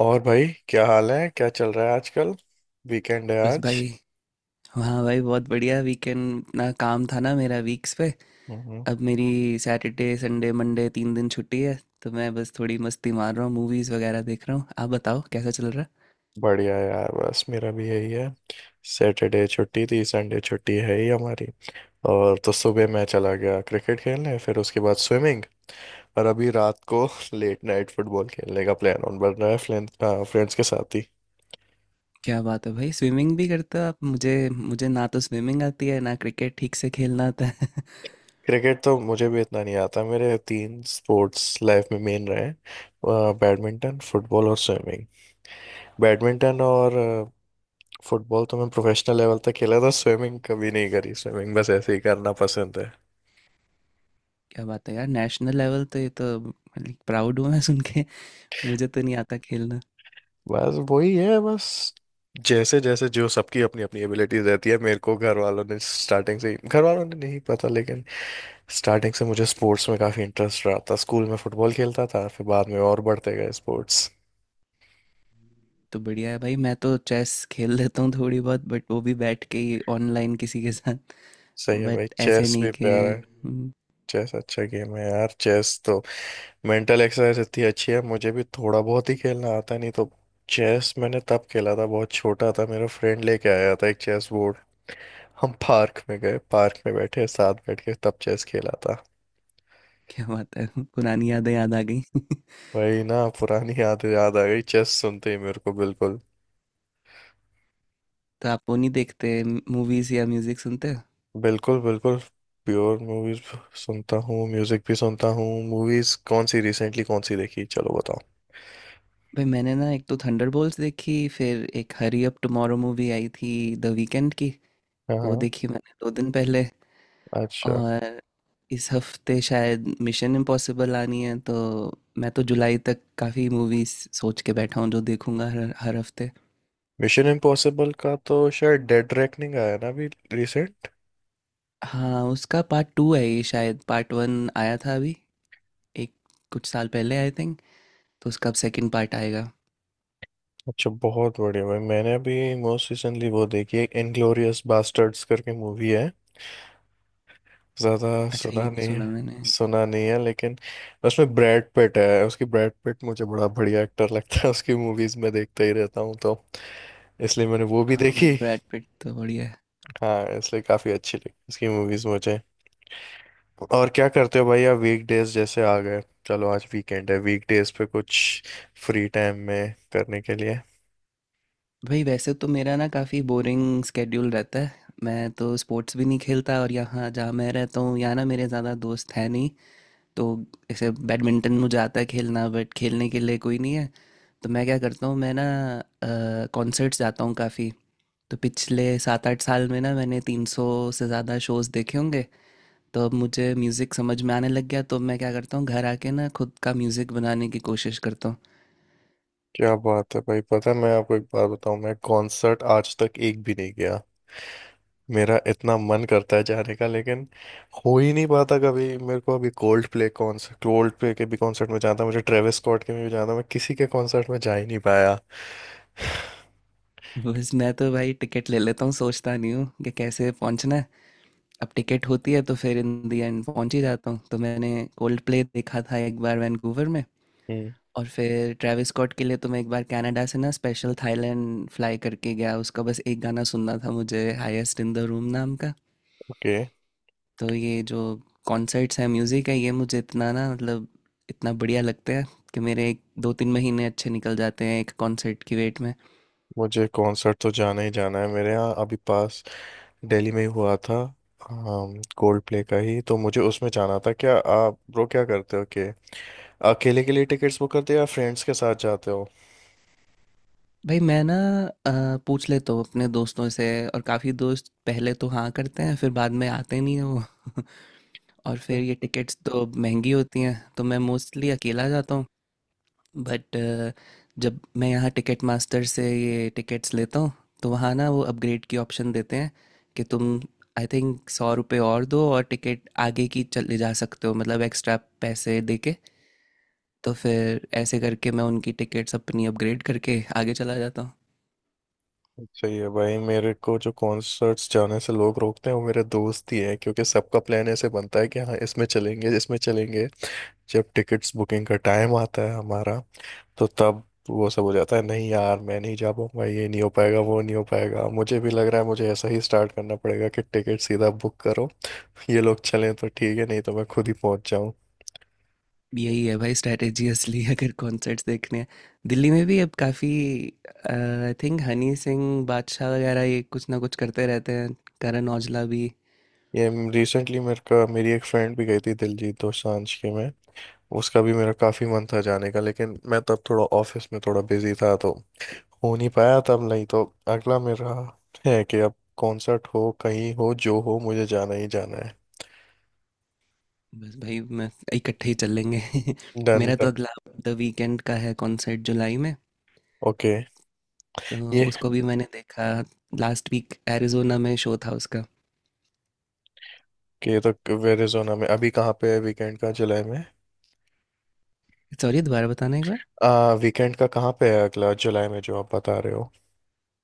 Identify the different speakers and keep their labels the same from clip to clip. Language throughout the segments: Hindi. Speaker 1: और भाई क्या हाल है, क्या चल रहा है आजकल। वीकेंड है
Speaker 2: बस
Speaker 1: आज।
Speaker 2: भाई। हाँ भाई, बहुत बढ़िया वीकेंड। इतना काम था ना मेरा वीक्स पे।
Speaker 1: हम्म।
Speaker 2: अब मेरी सैटरडे, संडे, मंडे 3 दिन छुट्टी है, तो मैं बस थोड़ी मस्ती मार रहा हूँ, मूवीज़ वगैरह देख रहा हूँ। आप बताओ, कैसा चल रहा है?
Speaker 1: बढ़िया है यार, बस मेरा भी यही है। सैटरडे छुट्टी थी, संडे छुट्टी है ही हमारी। और तो सुबह मैं चला गया क्रिकेट खेलने, फिर उसके बाद स्विमिंग। और अभी रात को लेट नाइट फुटबॉल खेलने का प्लान ऑन बन रहा है, फ्रेंड्स, फ्रेंड्स के साथ ही।
Speaker 2: क्या बात है भाई, स्विमिंग भी करते हो आप। मुझे मुझे ना तो स्विमिंग आती है, ना क्रिकेट ठीक से खेलना आता है
Speaker 1: क्रिकेट तो मुझे भी इतना नहीं आता। मेरे तीन स्पोर्ट्स लाइफ में मेन रहे हैं- बैडमिंटन, फुटबॉल और स्विमिंग। बैडमिंटन और फुटबॉल तो मैं प्रोफेशनल लेवल तक खेला था। स्विमिंग कभी नहीं करी, स्विमिंग बस ऐसे ही करना पसंद है।
Speaker 2: क्या बात है यार, नेशनल लेवल! तो ये तो प्राउड हूँ मैं सुन के। मुझे तो नहीं आता खेलना।
Speaker 1: बस वही है। बस जैसे जैसे जो सबकी अपनी अपनी एबिलिटीज रहती है। मेरे को घर वालों ने स्टार्टिंग से ही- घर वालों ने नहीं पता, लेकिन स्टार्टिंग से मुझे स्पोर्ट्स में काफ़ी इंटरेस्ट रहा था। स्कूल में फुटबॉल खेलता था, फिर बाद में और बढ़ते गए स्पोर्ट्स।
Speaker 2: तो बढ़िया है भाई, मैं तो चेस खेल लेता हूँ थोड़ी बहुत, बट वो भी बैठ के ही ऑनलाइन किसी के साथ।
Speaker 1: सही है भाई,
Speaker 2: बट ऐसे
Speaker 1: चेस
Speaker 2: नहीं
Speaker 1: भी
Speaker 2: कि।
Speaker 1: प्यारा है।
Speaker 2: हम्म।
Speaker 1: चेस अच्छा गेम है यार। चेस तो मेंटल एक्सरसाइज इतनी अच्छी है। मुझे भी थोड़ा बहुत ही खेलना आता है, नहीं तो चेस मैंने तब खेला था, बहुत छोटा था। मेरा फ्रेंड लेके आया था एक चेस बोर्ड। हम पार्क में गए, पार्क में बैठे, साथ बैठ के तब चेस खेला था।
Speaker 2: क्या बात है, पुरानी यादें याद आ गई
Speaker 1: वही ना, पुरानी याद याद आ गई चेस सुनते ही मेरे को। बिल्कुल
Speaker 2: तो आप वो नहीं देखते, मूवीज या म्यूजिक सुनते हो?
Speaker 1: बिल्कुल बिल्कुल। Pure movies. सुनता हूँ, म्यूजिक भी सुनता हूँ। मूवीज कौन सी रिसेंटली कौन सी देखी, चलो बताओ।
Speaker 2: भाई मैंने ना एक तो थंडरबोल्ट्स देखी, फिर एक हरी अप टुमारो मूवी आई थी, द वीकेंड की।
Speaker 1: हाँ
Speaker 2: वो
Speaker 1: हाँ।
Speaker 2: देखी मैंने 2 दिन पहले।
Speaker 1: अच्छा।
Speaker 2: और इस हफ्ते शायद मिशन इम्पॉसिबल आनी है, तो मैं तो जुलाई तक काफ़ी मूवीज सोच के बैठा हूँ जो देखूंगा हर हर हफ्ते।
Speaker 1: मिशन इम्पॉसिबल का तो शायद डेड रेकनिंग आया ना अभी, रिसेंट।
Speaker 2: हाँ, उसका पार्ट टू है ये, शायद पार्ट वन आया था अभी एक, कुछ साल पहले, आई थिंक। तो उसका अब सेकंड पार्ट आएगा।
Speaker 1: अच्छा, बहुत बढ़िया भाई। मैंने अभी मोस्ट रिसेंटली वो देखी है, इनग्लोरियस बास्टर्ड्स करके मूवी है, ज्यादा।
Speaker 2: अच्छा,
Speaker 1: सुना
Speaker 2: ये नहीं
Speaker 1: नहीं
Speaker 2: सुना
Speaker 1: है?
Speaker 2: मैंने।
Speaker 1: सुना नहीं है, लेकिन उसमें ब्रैड पिट है। उसकी, ब्रैड पिट मुझे बड़ा बढ़िया एक्टर लगता है, उसकी मूवीज में देखता ही रहता हूँ, तो इसलिए मैंने वो भी
Speaker 2: हाँ भाई,
Speaker 1: देखी।
Speaker 2: ब्रैड पिट तो बढ़िया है।
Speaker 1: हाँ, इसलिए काफी अच्छी लगी उसकी मूवीज मुझे। और क्या करते हो भाई आप, वीकडेज जैसे आ गए। चलो आज वीकेंड है, वीकडेज पे कुछ फ्री टाइम में करने के लिए?
Speaker 2: भाई वैसे तो मेरा ना काफ़ी बोरिंग स्केड्यूल रहता है। मैं तो स्पोर्ट्स भी नहीं खेलता, और यहाँ जहाँ मैं रहता हूँ यहाँ ना मेरे ज़्यादा दोस्त हैं नहीं। तो ऐसे बैडमिंटन मुझे आता है खेलना, बट खेलने के लिए कोई नहीं है। तो मैं क्या करता हूँ, मैं ना कॉन्सर्ट्स जाता हूँ काफ़ी। तो पिछले 7-8 साल में ना मैंने 300 से ज़्यादा शोज़ देखे होंगे। तो अब मुझे म्यूज़िक समझ में आने लग गया, तो अब मैं क्या करता हूँ, घर आके ना खुद का म्यूज़िक बनाने की कोशिश करता हूँ।
Speaker 1: क्या बात है भाई। पता है, मैं आपको एक बात बताऊं, मैं कॉन्सर्ट आज तक एक भी नहीं गया। मेरा इतना मन करता है जाने का, लेकिन हो ही नहीं पाता कभी मेरे को। अभी कोल्ड प्ले के भी कॉन्सर्ट में जाता, मुझे ट्रेविस स्कॉट के भी जाता, मैं किसी के कॉन्सर्ट में जा ही नहीं पाया।
Speaker 2: बस मैं तो भाई टिकट ले लेता हूँ, सोचता नहीं हूँ कि कैसे पहुँचना है। अब टिकट होती है तो फिर इन दी एंड पहुँच ही जाता हूँ। तो मैंने कोल्ड प्ले देखा था एक बार वैंकूवर में।
Speaker 1: हम्म।
Speaker 2: और फिर ट्रेविस स्कॉट के लिए तो मैं एक बार कनाडा से ना स्पेशल थाईलैंड फ्लाई करके गया, उसका बस एक गाना सुनना था मुझे, हाईएस्ट इन द रूम नाम का।
Speaker 1: ओके।
Speaker 2: तो ये जो कॉन्सर्ट्स हैं, म्यूज़िक है, ये मुझे इतना ना, मतलब इतना बढ़िया लगता है कि मेरे एक 2-3 महीने अच्छे निकल जाते हैं एक कॉन्सर्ट की वेट में।
Speaker 1: मुझे कॉन्सर्ट तो जाना ही जाना है। मेरे यहाँ अभी पास दिल्ली में ही हुआ था कोल्ड प्ले का ही, तो मुझे उसमें जाना था। क्या आप ब्रो, क्या करते हो कि अकेले के लिए टिकट्स बुक करते हो या फ्रेंड्स के साथ जाते हो?
Speaker 2: भाई मैं ना, अ, पूछ लेता हूँ अपने दोस्तों से, और काफ़ी दोस्त पहले तो हाँ करते हैं, फिर बाद में आते नहीं हैं वो और फिर ये टिकट्स तो महंगी होती हैं, तो मैं मोस्टली अकेला जाता हूँ। बट जब मैं यहाँ टिकट मास्टर से ये टिकट्स लेता हूँ तो वहाँ ना वो अपग्रेड की ऑप्शन देते हैं कि तुम, आई थिंक, 100 रुपये और दो और टिकट आगे की चले जा सकते हो, मतलब एक्स्ट्रा पैसे दे के। तो फिर ऐसे करके मैं उनकी टिकट्स अपनी अपग्रेड करके आगे चला जाता हूँ।
Speaker 1: सही है भाई। मेरे को जो कॉन्सर्ट्स जाने से लोग रोकते हैं वो मेरे दोस्त ही है, क्योंकि सबका प्लान ऐसे बनता है कि हाँ इसमें चलेंगे, इसमें चलेंगे। जब टिकट्स बुकिंग का टाइम आता है हमारा, तो तब वो सब हो जाता है- नहीं यार मैं नहीं जा पाऊंगा, ये नहीं हो पाएगा, वो नहीं हो पाएगा। मुझे भी लग रहा है मुझे ऐसा ही स्टार्ट करना पड़ेगा कि टिकट सीधा बुक करो, ये लोग चलें तो ठीक है, नहीं तो मैं खुद ही पहुंच जाऊं।
Speaker 2: यही है भाई स्ट्रेटेजी असली, अगर कॉन्सर्ट्स देखने हैं। दिल्ली में भी अब काफ़ी, आई थिंक, हनी सिंह, बादशाह वगैरह ये कुछ ना कुछ करते रहते हैं, करण औजला भी।
Speaker 1: ये रिसेंटली मेरे का मेरी एक फ्रेंड भी गई थी दिलजीत दोसांझ के में। उसका भी मेरा काफ़ी मन था जाने का, लेकिन मैं तब थोड़ा ऑफिस में थोड़ा बिजी था, तो हो नहीं पाया तब। नहीं तो अगला मेरा है कि अब कॉन्सर्ट हो, कहीं हो, जो हो, मुझे जाना ही जाना है।
Speaker 2: बस भाई मैं, इकट्ठे ही चल लेंगे
Speaker 1: डन
Speaker 2: मेरा तो
Speaker 1: डन।
Speaker 2: अगला द वीकेंड का है कॉन्सर्ट, जुलाई में।
Speaker 1: ओके।
Speaker 2: तो
Speaker 1: ये
Speaker 2: उसको भी मैंने देखा, लास्ट वीक एरिजोना में शो था उसका।
Speaker 1: कि ये तो वेरिजोना में, अभी कहाँ पे है वीकेंड का जुलाई में?
Speaker 2: सॉरी, दोबारा बताना एक बार।
Speaker 1: आ वीकेंड का कहाँ पे है अगला जुलाई में जो आप बता रहे हो?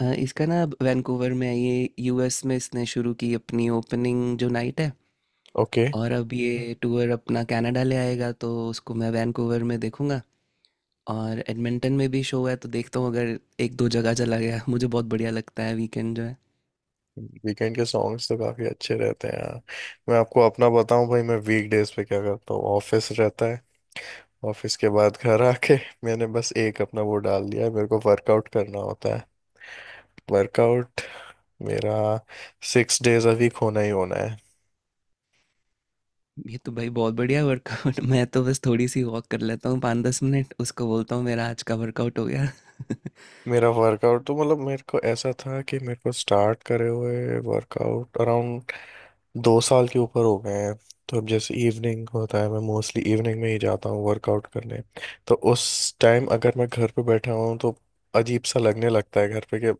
Speaker 2: इसका ना अब वैंकूवर में है, ये यूएस में इसने शुरू की अपनी ओपनिंग जो नाइट है।
Speaker 1: ओके।
Speaker 2: और अब ये टूर अपना कनाडा ले आएगा, तो उसको मैं वैंकूवर में देखूंगा। और एडमिंटन में भी शो है, तो देखता हूँ अगर एक दो जगह चला गया मुझे बहुत बढ़िया लगता है वीकेंड।
Speaker 1: वीकेंड के सॉन्ग्स तो काफी अच्छे रहते हैं यार। मैं आपको अपना बताऊं भाई, मैं वीकडेज पे क्या करता हूँ, ऑफिस रहता है। ऑफिस के बाद घर आके मैंने बस एक अपना वो डाल दिया है, मेरे को वर्कआउट करना होता है। वर्कआउट मेरा 6 डेज अ वीक होना ही होना है।
Speaker 2: ये तो भाई बहुत बढ़िया वर्कआउट, मैं तो बस थोड़ी सी वॉक कर लेता हूँ 5-10 मिनट, उसको बोलता हूँ मेरा आज का वर्कआउट हो गया।
Speaker 1: मेरा वर्कआउट तो, मतलब मेरे को ऐसा था कि मेरे को स्टार्ट करे हुए वर्कआउट अराउंड 2 साल के ऊपर हो गए हैं। तो अब जैसे इवनिंग होता है, मैं मोस्टली इवनिंग में ही जाता हूँ वर्कआउट करने। तो उस टाइम अगर मैं घर पे बैठा हूँ तो अजीब सा लगने लगता है घर पे, कि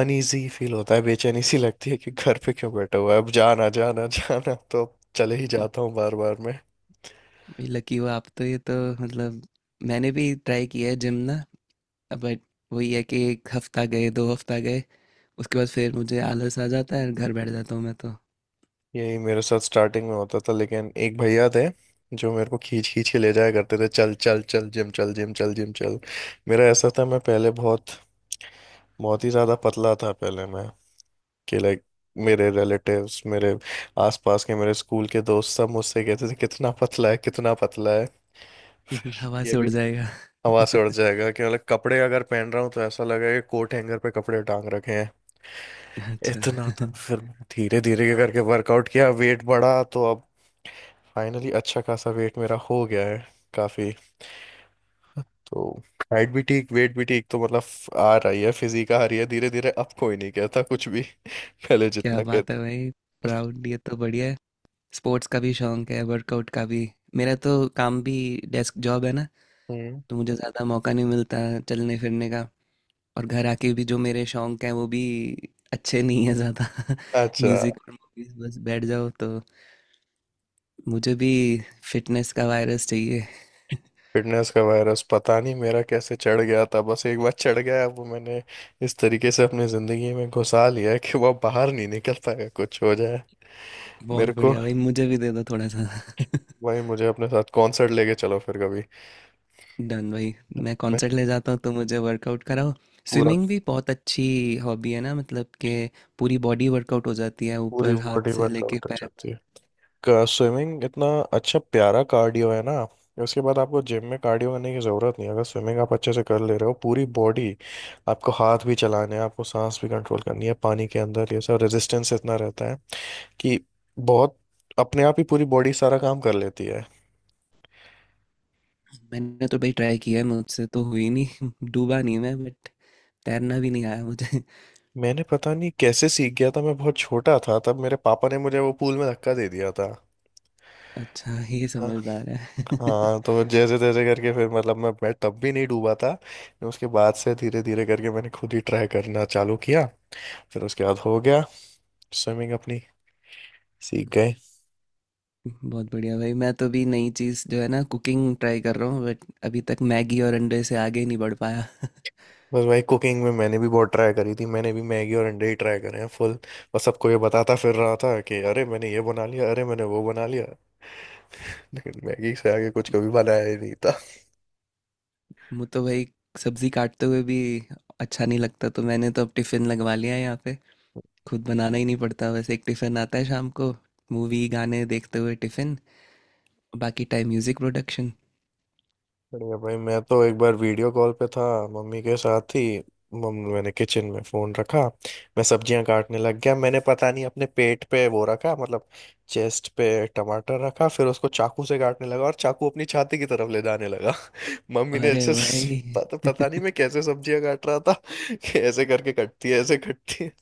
Speaker 1: अनईजी फील होता है, बेचैनी सी लगती है कि घर पे क्यों बैठा हुआ है, अब जाना जाना जाना, तो अब चले ही जाता हूँ बार बार मैं।
Speaker 2: ये लकी हो आप तो, ये तो मतलब मैंने भी ट्राई किया है जिम ना, बट वही है कि 1 हफ्ता गए, 2 हफ्ता गए, उसके बाद फिर मुझे आलस आ जाता है, घर बैठ जाता हूँ मैं तो।
Speaker 1: यही मेरे साथ स्टार्टिंग में होता था, लेकिन एक भैया थे जो मेरे को खींच खींच के ले जाया करते थे- चल चल चल जिम चल, जिम चल, जिम चल। मेरा ऐसा था, मैं पहले बहुत बहुत ही ज़्यादा पतला था पहले मैं, कि लाइक मेरे रिलेटिव्स, मेरे आसपास के, मेरे स्कूल के दोस्त सब मुझसे कहते थे कितना पतला है, कितना पतला है।
Speaker 2: हवा
Speaker 1: ये
Speaker 2: से उड़
Speaker 1: भी
Speaker 2: जाएगा
Speaker 1: हवा से उड़ जाएगा, कि मतलब कपड़े अगर पहन रहा हूँ तो ऐसा लगेगा कि कोट हैंगर पे कपड़े टांग रखे हैं,
Speaker 2: अच्छा
Speaker 1: इतना था। फिर मैंने धीरे धीरे करके वर्कआउट किया, वेट बढ़ा, तो अब फाइनली अच्छा खासा वेट मेरा हो गया है, काफी। तो हाइट भी ठीक, वेट भी ठीक, तो मतलब आ रही है फिजिक, आ रही है धीरे धीरे, अब कोई नहीं कहता कुछ भी। पहले
Speaker 2: क्या
Speaker 1: जितना कह।
Speaker 2: बात है भाई, प्राउड, ये तो बढ़िया है, स्पोर्ट्स का भी शौक है वर्कआउट का भी। मेरा तो काम भी डेस्क जॉब है ना,
Speaker 1: हम्म।
Speaker 2: तो मुझे ज़्यादा मौका नहीं मिलता चलने फिरने का। और घर आके भी जो मेरे शौक हैं वो भी अच्छे नहीं है ज़्यादा
Speaker 1: अच्छा।
Speaker 2: म्यूज़िक और मूवीज, बस बैठ जाओ। तो मुझे भी फिटनेस का वायरस चाहिए।
Speaker 1: फिटनेस का वायरस पता नहीं मेरा कैसे चढ़ गया था। बस एक बार चढ़ गया वो, मैंने इस तरीके से अपनी जिंदगी में घुसा लिया है कि वह बाहर नहीं निकल पाएगा कुछ हो जाए। मेरे
Speaker 2: बहुत
Speaker 1: को,
Speaker 2: बढ़िया भाई, मुझे भी दे दो थोड़ा सा
Speaker 1: भाई मुझे अपने साथ कॉन्सर्ट लेके चलो फिर कभी।
Speaker 2: डन भाई, मैं
Speaker 1: मैं
Speaker 2: कॉन्सर्ट ले जाता हूँ तो मुझे वर्कआउट कराओ।
Speaker 1: पूरा।
Speaker 2: स्विमिंग भी बहुत अच्छी हॉबी है ना, मतलब कि पूरी बॉडी वर्कआउट हो जाती है,
Speaker 1: पूरी
Speaker 2: ऊपर हाथ
Speaker 1: बॉडी
Speaker 2: से लेके
Speaker 1: वर्कआउट हो
Speaker 2: पैर
Speaker 1: जाती
Speaker 2: तक।
Speaker 1: है। स्विमिंग इतना अच्छा प्यारा कार्डियो है ना। उसके बाद आपको जिम में कार्डियो करने की ज़रूरत नहीं है। अगर स्विमिंग आप अच्छे से कर ले रहे हो, पूरी बॉडी, आपको हाथ भी चलाने हैं, आपको सांस भी कंट्रोल करनी है, पानी के अंदर ये सब रेजिस्टेंस इतना रहता है कि बहुत, अपने आप ही पूरी बॉडी सारा काम कर लेती है।
Speaker 2: मैंने तो भाई ट्राई किया है, मुझसे तो हुई नहीं डूबा नहीं मैं, बट तैरना भी नहीं आया मुझे।
Speaker 1: मैंने पता नहीं कैसे सीख गया था। मैं बहुत छोटा था तब, मेरे पापा ने मुझे वो पूल में धक्का दे दिया था।
Speaker 2: अच्छा, ये
Speaker 1: हाँ।
Speaker 2: समझदार है
Speaker 1: हाँ, तो जैसे तैसे करके फिर, मतलब मैं तब भी नहीं डूबा था। उसके बाद से धीरे धीरे करके मैंने खुद ही ट्राई करना चालू किया, फिर उसके बाद हो गया स्विमिंग अपनी, सीख गए।
Speaker 2: बहुत बढ़िया भाई, मैं तो भी नई चीज़ जो है ना, कुकिंग ट्राई कर रहा हूँ, बट अभी तक मैगी और अंडे से आगे नहीं बढ़ पाया
Speaker 1: बस भाई कुकिंग में मैंने भी बहुत ट्राई करी थी। मैंने भी मैगी और अंडे ही ट्राई करे हैं फुल। बस सबको ये बताता फिर रहा था कि अरे मैंने ये बना लिया, अरे मैंने वो बना लिया, लेकिन मैगी से आगे कुछ कभी बनाया ही नहीं था।
Speaker 2: मुझे तो भाई सब्जी काटते हुए भी अच्छा नहीं लगता, तो मैंने तो अब टिफ़िन लगवा लिया है यहाँ पे, खुद बनाना ही नहीं पड़ता। वैसे एक टिफ़िन आता है शाम को, मूवी गाने देखते हुए टिफ़िन, बाकी टाइम म्यूज़िक प्रोडक्शन।
Speaker 1: बढ़िया भाई, मैं तो एक बार वीडियो कॉल पे था मम्मी के साथ ही, मम्मी मैंने किचन में फोन रखा, मैं सब्जियां काटने लग गया। मैंने पता नहीं अपने पेट पे वो रखा, मतलब चेस्ट पे टमाटर रखा, फिर उसको चाकू से काटने लगा और चाकू अपनी छाती की तरफ ले जाने लगा। मम्मी ने
Speaker 2: अरे
Speaker 1: ऐसे,
Speaker 2: भाई
Speaker 1: पता पता नहीं मैं कैसे सब्जियां काट रहा था, कि ऐसे करके कटती है, ऐसे कटती है।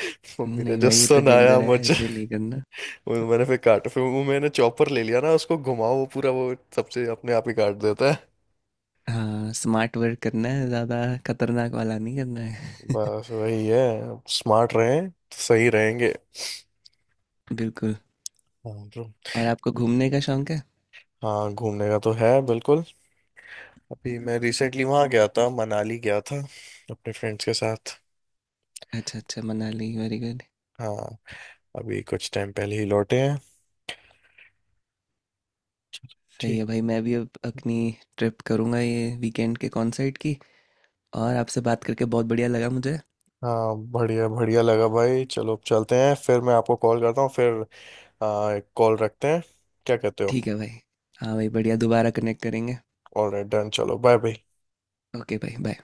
Speaker 1: मम्मी ने
Speaker 2: नहीं
Speaker 1: जो
Speaker 2: भाई, ये तो
Speaker 1: सुनाया
Speaker 2: डेंजर है,
Speaker 1: मुझे।
Speaker 2: ऐसे नहीं करना।
Speaker 1: वो मैंने फिर काट, फिर वो मैंने चॉपर ले लिया ना, उसको घुमाओ वो पूरा वो सबसे अपने आप ही काट देता है।
Speaker 2: हाँ, स्मार्ट वर्क करना है ज़्यादा, खतरनाक वाला नहीं करना है
Speaker 1: बस वही है। स्मार्ट रहें तो सही रहेंगे।
Speaker 2: बिल्कुल।
Speaker 1: हाँ bro।
Speaker 2: और आपको घूमने का शौक है?
Speaker 1: हाँ, घूमने का तो है बिल्कुल। अभी मैं रिसेंटली वहाँ गया था, मनाली गया था अपने फ्रेंड्स के साथ।
Speaker 2: अच्छा, अच्छा, मनाली, वेरी गुड।
Speaker 1: हाँ, अभी कुछ टाइम पहले ही लौटे हैं।
Speaker 2: सही
Speaker 1: ठीक।
Speaker 2: है भाई, मैं भी अब अपनी ट्रिप करूँगा, ये वीकेंड के कॉन्सर्ट की। और आपसे बात करके बहुत बढ़िया लगा मुझे।
Speaker 1: हाँ बढ़िया, बढ़िया लगा भाई। चलो अब चलते हैं, फिर मैं आपको कॉल करता हूँ, फिर कॉल रखते हैं, क्या कहते हो?
Speaker 2: ठीक है भाई। हाँ भाई, बढ़िया, दोबारा कनेक्ट करेंगे।
Speaker 1: ऑलराइट डन, चलो बाय बाय।
Speaker 2: ओके भाई, बाय।